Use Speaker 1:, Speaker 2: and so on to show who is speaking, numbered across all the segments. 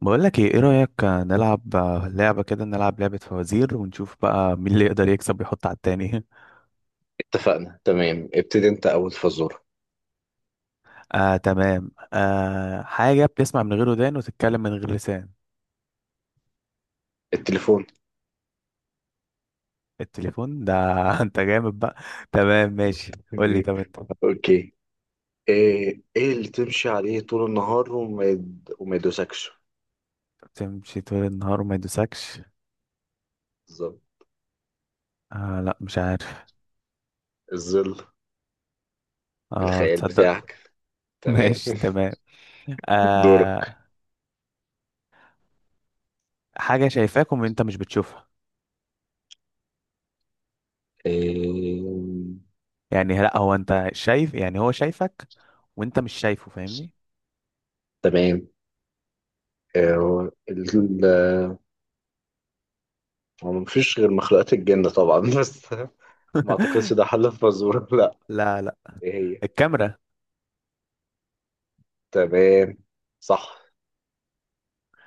Speaker 1: بقول لك ايه ايه رأيك نلعب لعبة كده. نلعب لعبة فوازير ونشوف بقى مين اللي يقدر يكسب ويحط على التاني.
Speaker 2: اتفقنا، تمام. ابتدي انت اول فزورة.
Speaker 1: تمام. آه، حاجة بتسمع من غير ودان وتتكلم من غير لسان.
Speaker 2: التليفون.
Speaker 1: التليفون ده. انت جامد بقى. تمام ماشي، قول لي. طب انت
Speaker 2: اوكي. ايه اللي تمشي عليه طول النهار وما يدوسكش؟
Speaker 1: بتمشي طول النهار وما يدوسكش.
Speaker 2: بالظبط.
Speaker 1: آه لا مش عارف.
Speaker 2: الظل.
Speaker 1: اه
Speaker 2: الخيال
Speaker 1: تصدق.
Speaker 2: بتاعك. تمام.
Speaker 1: ماشي تمام.
Speaker 2: دورك.
Speaker 1: آه، حاجة شايفاك وانت مش بتشوفها.
Speaker 2: إيه،
Speaker 1: يعني لا، هو انت شايف، يعني هو شايفك وانت مش شايفه، فاهمني؟
Speaker 2: تمام. إيه، ال... هو مفيش غير مخلوقات الجن طبعا بس ما اعتقدش ده حل الفزورة. لا.
Speaker 1: لا لا.
Speaker 2: ايه هي؟
Speaker 1: الكاميرا.
Speaker 2: تمام. صح.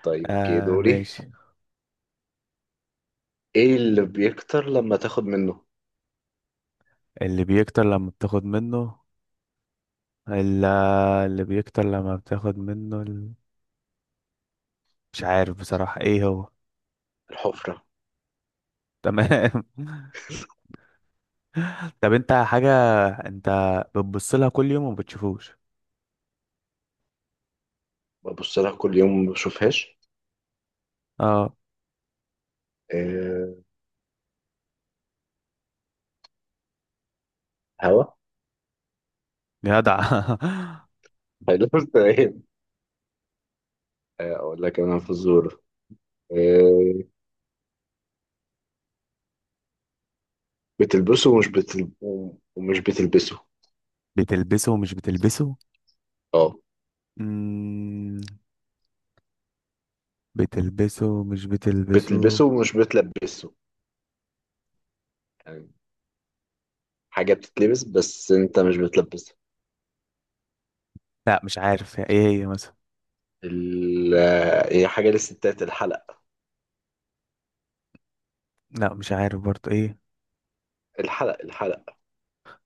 Speaker 2: طيب، اوكي،
Speaker 1: آه
Speaker 2: دوري.
Speaker 1: ماشي.
Speaker 2: ايه اللي بيكتر لما تاخد منه؟
Speaker 1: اللي بيكتر لما بتاخد منه. اللي, اللي بيكتر لما بتاخد منه ال... مش عارف بصراحة ايه هو.
Speaker 2: الحفرة.
Speaker 1: تمام. طب انت حاجة، انت بتبص لها كل يوم وما بتشوفوش.
Speaker 2: ببص لها كل يوم ما بشوفهاش.
Speaker 1: اه
Speaker 2: أه. هوا.
Speaker 1: جدع.
Speaker 2: هيلف. تمام. آه، اقول لك انا فزوره. أه. بتلبسه ومش بتلبسه.
Speaker 1: بتلبسه ومش بتلبسه.
Speaker 2: اه،
Speaker 1: مم... بتلبسه ومش بتلبسه.
Speaker 2: بتلبسه ومش بتلبسه؟ يعني حاجه بتتلبس بس انت مش بتلبسها.
Speaker 1: لا مش عارف ايه هي مثلا.
Speaker 2: ال... آه، هي حاجه للستات، الحلق.
Speaker 1: لا مش عارف برضه ايه.
Speaker 2: الحلق، الحلق.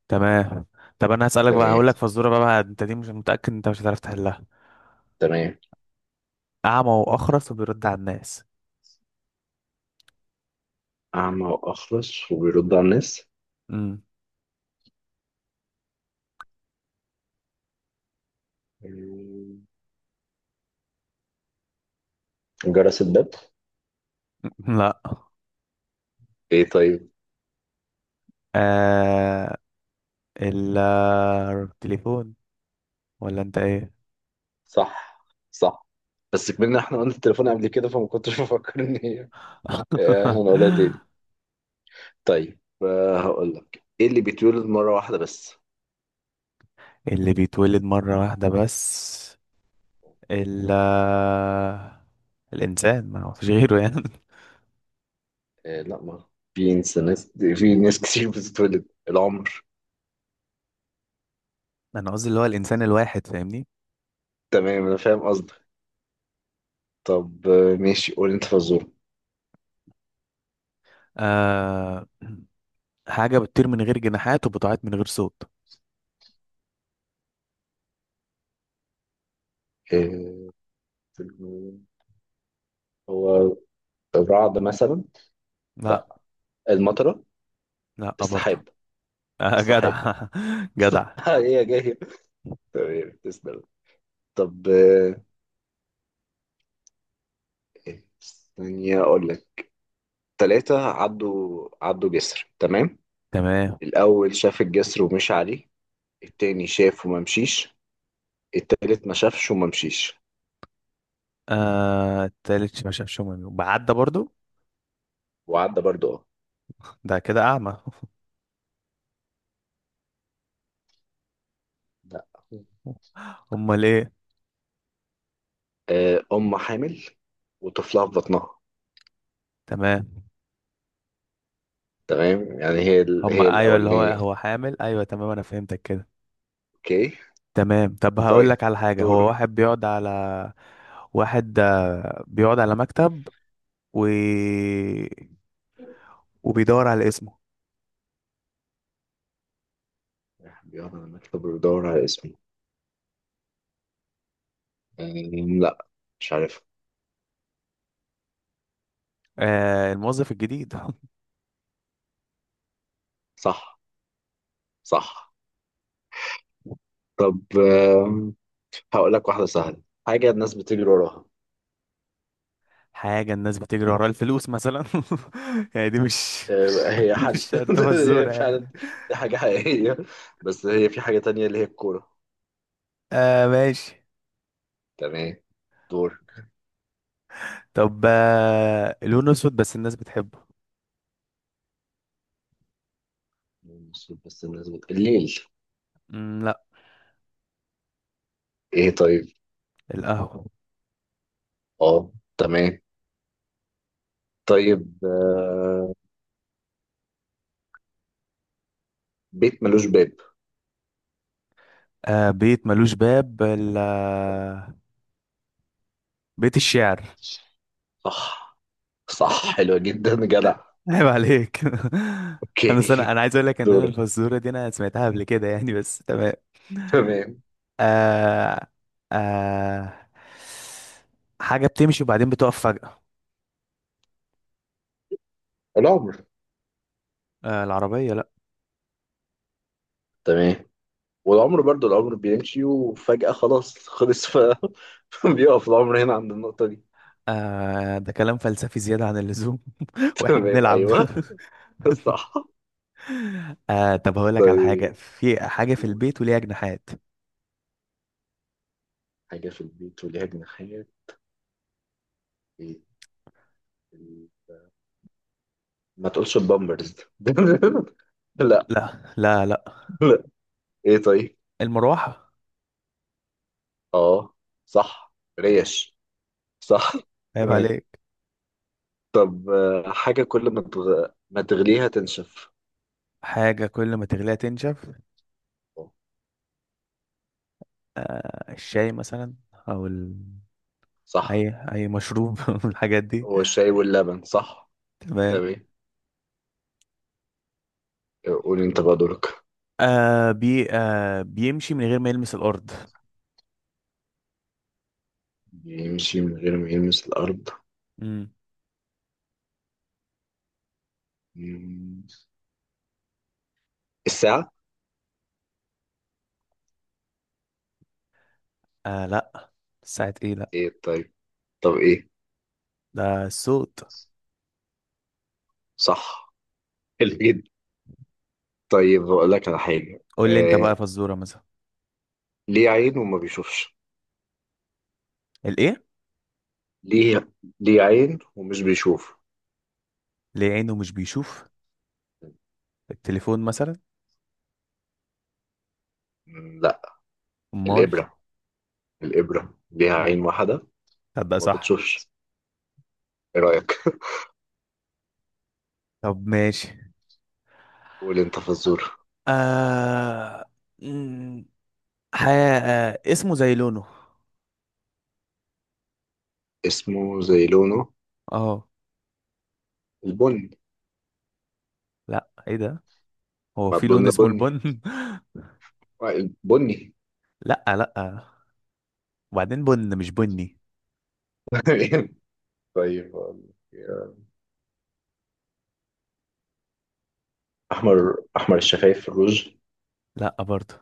Speaker 1: تمام. طب انا هسألك بقى،
Speaker 2: تمام،
Speaker 1: هقول لك فزورة بقى، انت دي مش متأكد انت مش هتعرف تحلها.
Speaker 2: تمام.
Speaker 1: أعمى وأخرس وبيرد على الناس.
Speaker 2: اعمى واخرس وبيرد على الناس؟
Speaker 1: مم.
Speaker 2: آه، جرس الباب.
Speaker 1: لا.
Speaker 2: ايه طيب؟
Speaker 1: آه ال- التليفون. ولا أنت إيه؟
Speaker 2: صح، صح. بس كمان احنا قلنا التليفون قبل كده، فما كنتش بفكر ان هي. آه، هنقولها تاني. طيب، هقول لك ايه اللي بيتولد مرة واحدة بس؟
Speaker 1: اللي بيتولد مرة واحدة بس. ال الإنسان، ما هو فيش غيره يعني.
Speaker 2: آه، لا مرة في ناس كتير بتتولد العمر.
Speaker 1: أنا قصدي اللي هو الإنسان الواحد، فاهمني؟
Speaker 2: تمام، انا فاهم قصدك. طب، ماشي، قول انت فزورة.
Speaker 1: آه، حاجة بتطير من غير جناحات وبتعيط من غير صوت.
Speaker 2: آه، هو الرعد مثلا؟
Speaker 1: لا.
Speaker 2: لا. المطرة.
Speaker 1: لا برضو.
Speaker 2: السحاب.
Speaker 1: آه
Speaker 2: السحاب.
Speaker 1: جدع،
Speaker 2: السحاب،
Speaker 1: جدع.
Speaker 2: هي جاية. تمام، تسلم. طب، إيه؟ ثانية أقول لك. تلاتة عدوا جسر، تمام.
Speaker 1: تمام.
Speaker 2: الأول شاف الجسر ومشي عليه. التاني شاف وما مشيش. التالت ما شافش وما مشيش.
Speaker 1: آه التالت ما شافش امي وبعدى برضو.
Speaker 2: وعدى برضه، اه.
Speaker 1: ده كده اعمى.
Speaker 2: لا.
Speaker 1: امال ايه؟
Speaker 2: آه، أم حامل وطفلها في بطنها.
Speaker 1: تمام.
Speaker 2: تمام، يعني هي
Speaker 1: هما ايوه، اللي هو
Speaker 2: الأولانية.
Speaker 1: هو حامل، ايوه تمام انا فهمتك كده.
Speaker 2: أوكي.
Speaker 1: تمام. طب هقول
Speaker 2: طيب،
Speaker 1: لك على حاجه، هو
Speaker 2: دور.
Speaker 1: واحد بيقعد على، واحد بيقعد على مكتب و... وبيدور على اسمه.
Speaker 2: بيقعد على المكتب ويدور على اسمه. لا، مش عارف.
Speaker 1: آه الموظف الجديد.
Speaker 2: صح، صح. طب، آم، هقول لك واحدة سهلة. حاجة الناس بتجري وراها؟
Speaker 1: حاجة الناس بتجري ورا الفلوس مثلا. يعني دي مش،
Speaker 2: آه، هي
Speaker 1: مش
Speaker 2: حل.
Speaker 1: شرط
Speaker 2: هي
Speaker 1: فزورة يعني.
Speaker 2: فعلا. دي حاجة حقيقية. بس هي في حاجة تانية اللي هي الكورة.
Speaker 1: آه ماشي.
Speaker 2: تمام، دور.
Speaker 1: طب آه، لونه اسود بس الناس بتحبه.
Speaker 2: المفروض بس الناس الليل.
Speaker 1: لا.
Speaker 2: ايه طيب؟
Speaker 1: القهوة.
Speaker 2: اه، تمام. طيب، بيت ملوش باب.
Speaker 1: آه بيت ملوش باب. بيت الشعر.
Speaker 2: صح، صح، حلوة جدا، جدع.
Speaker 1: عيب عليك. انا سنة،
Speaker 2: اوكي،
Speaker 1: انا عايز اقول لك ان انا
Speaker 2: دور،
Speaker 1: الفزورة دي انا سمعتها قبل كده يعني، بس تمام.
Speaker 2: تمام.
Speaker 1: آه آه حاجة بتمشي وبعدين بتقف فجأة.
Speaker 2: العمر.
Speaker 1: آه العربية. لا.
Speaker 2: تمام. والعمر برضو العمر بيمشي وفجأة خلاص خلص بيقف العمر هنا عند النقطة دي.
Speaker 1: آه، ده كلام فلسفي زيادة عن اللزوم، واحنا
Speaker 2: تمام،
Speaker 1: بنلعب.
Speaker 2: ايوه، صح.
Speaker 1: آه طب هقول لك على حاجة،
Speaker 2: طيب،
Speaker 1: في حاجة في
Speaker 2: قول.
Speaker 1: البيت وليها جناحات.
Speaker 2: حاجة في البيت وليها جناحات؟ ايه ال- ما تقولش البامبرز. لا،
Speaker 1: لا لا لا.
Speaker 2: لا، ايه طيب؟
Speaker 1: المروحة.
Speaker 2: اه، صح. ريش. صح.
Speaker 1: عيب
Speaker 2: تمام.
Speaker 1: عليك.
Speaker 2: طب، حاجة كل ما تغليها تنشف؟
Speaker 1: حاجة كل ما تغليها تنشف.
Speaker 2: آه،
Speaker 1: آه الشاي مثلا، أو ال...
Speaker 2: صح.
Speaker 1: أي أي مشروب، من الحاجات دي.
Speaker 2: هو الشاي واللبن، صح.
Speaker 1: تمام.
Speaker 2: تمام. قول انت بقى دورك.
Speaker 1: آه بي آه بيمشي من غير ما يلمس الأرض.
Speaker 2: يمشي من غير ما يلمس الأرض؟
Speaker 1: مم.
Speaker 2: مم. الساعة.
Speaker 1: آه لا. ساعة إيه، لا.
Speaker 2: ايه طيب؟ طب، ايه؟
Speaker 1: ده الصوت.
Speaker 2: صح. الإيد. طيب، بقول لك على حاجة.
Speaker 1: قول لي أنت بقى فزورة مثلا.
Speaker 2: ليه عين وما بيشوفش؟
Speaker 1: الإيه؟
Speaker 2: ليه ليه عين ومش بيشوف؟
Speaker 1: ليه عينه مش بيشوف؟ التليفون مثلا.
Speaker 2: لا.
Speaker 1: امال.
Speaker 2: الإبرة. الإبرة ليها
Speaker 1: مم.
Speaker 2: عين واحدة،
Speaker 1: تصدق
Speaker 2: وما
Speaker 1: صح.
Speaker 2: بتشوفش. إيه رأيك؟
Speaker 1: طب ماشي.
Speaker 2: قول أنت فزور.
Speaker 1: آه... مم، حياة. آه... اسمه زي لونه.
Speaker 2: اسمه زي لونه؟
Speaker 1: اه.
Speaker 2: البني.
Speaker 1: لا ايه ده، هو
Speaker 2: ما
Speaker 1: في
Speaker 2: البن
Speaker 1: لون اسمه
Speaker 2: بني.
Speaker 1: البن؟
Speaker 2: آه، بني.
Speaker 1: لا لا. وبعدين بن مش بني.
Speaker 2: طيب. أحمر الشفايف في الروج.
Speaker 1: لا برضه.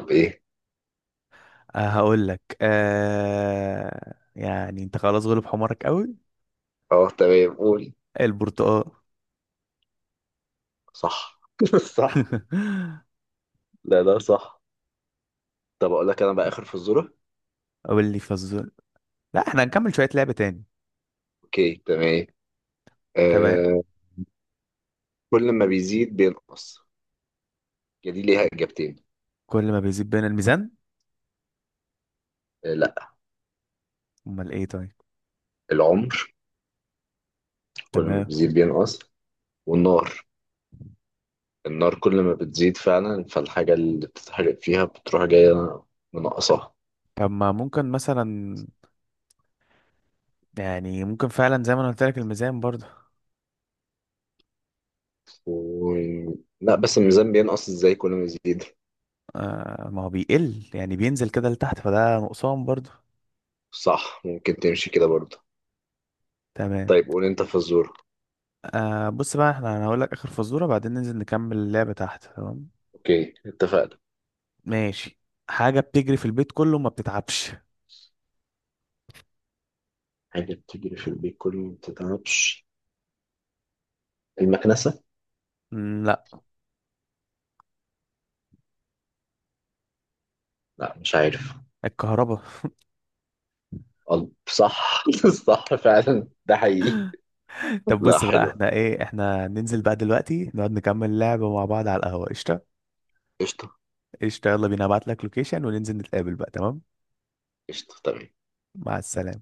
Speaker 2: طب، إيه؟
Speaker 1: أه هقول لك، أه يعني انت خلاص غلب حمارك قوي.
Speaker 2: أه، تمام، قول.
Speaker 1: البرتقال.
Speaker 2: صح. صح. لا، لا، صح. طب، أقول لك أنا بقى آخر فزورة.
Speaker 1: قول لي فزول. لا احنا هنكمل شوية لعبة تاني.
Speaker 2: أوكي، تمام.
Speaker 1: تمام.
Speaker 2: آه. كل ما بيزيد بينقص. هي دي ليها إجابتين.
Speaker 1: كل ما بيزيد بين الميزان.
Speaker 2: آه، لا.
Speaker 1: امال ايه طيب.
Speaker 2: العمر. كل ما
Speaker 1: تمام.
Speaker 2: بيزيد بينقص. والنار. النار كل ما بتزيد فعلا فالحاجة اللي بتتحرق فيها بتروح جاية منقصاها.
Speaker 1: طب ما ممكن مثلا، يعني ممكن فعلا زي ما انا قلت لك الميزان برضه.
Speaker 2: و... لا، بس الميزان بينقص ازاي كل ما يزيد؟
Speaker 1: آه ما هو بيقل يعني، بينزل كده لتحت، فده نقصان برضه.
Speaker 2: صح، ممكن تمشي كده برضه.
Speaker 1: تمام.
Speaker 2: طيب، قول انت فزورة.
Speaker 1: آه بص بقى احنا، انا هقول لك اخر فزوره بعدين ننزل نكمل اللعبه تحت تمام؟
Speaker 2: اوكي، اتفقنا.
Speaker 1: ماشي. حاجه بتجري في البيت كله ما بتتعبش.
Speaker 2: حاجة بتجري في البيت كل ما بتتعبش؟ المكنسة.
Speaker 1: لا.
Speaker 2: لا، مش عارف.
Speaker 1: الكهرباء.
Speaker 2: قلب، صح. صح، فعلا ده حقيقي.
Speaker 1: طب
Speaker 2: لا،
Speaker 1: بص بقى
Speaker 2: حلوة.
Speaker 1: احنا ايه، احنا ننزل بقى دلوقتي نقعد نكمل اللعبة مع بعض على القهوة، قشطة؟
Speaker 2: قشطة.
Speaker 1: قشطة يلا بينا، ابعت لك لوكيشن وننزل نتقابل بقى تمام.
Speaker 2: قشطة، تمام.
Speaker 1: مع السلامة.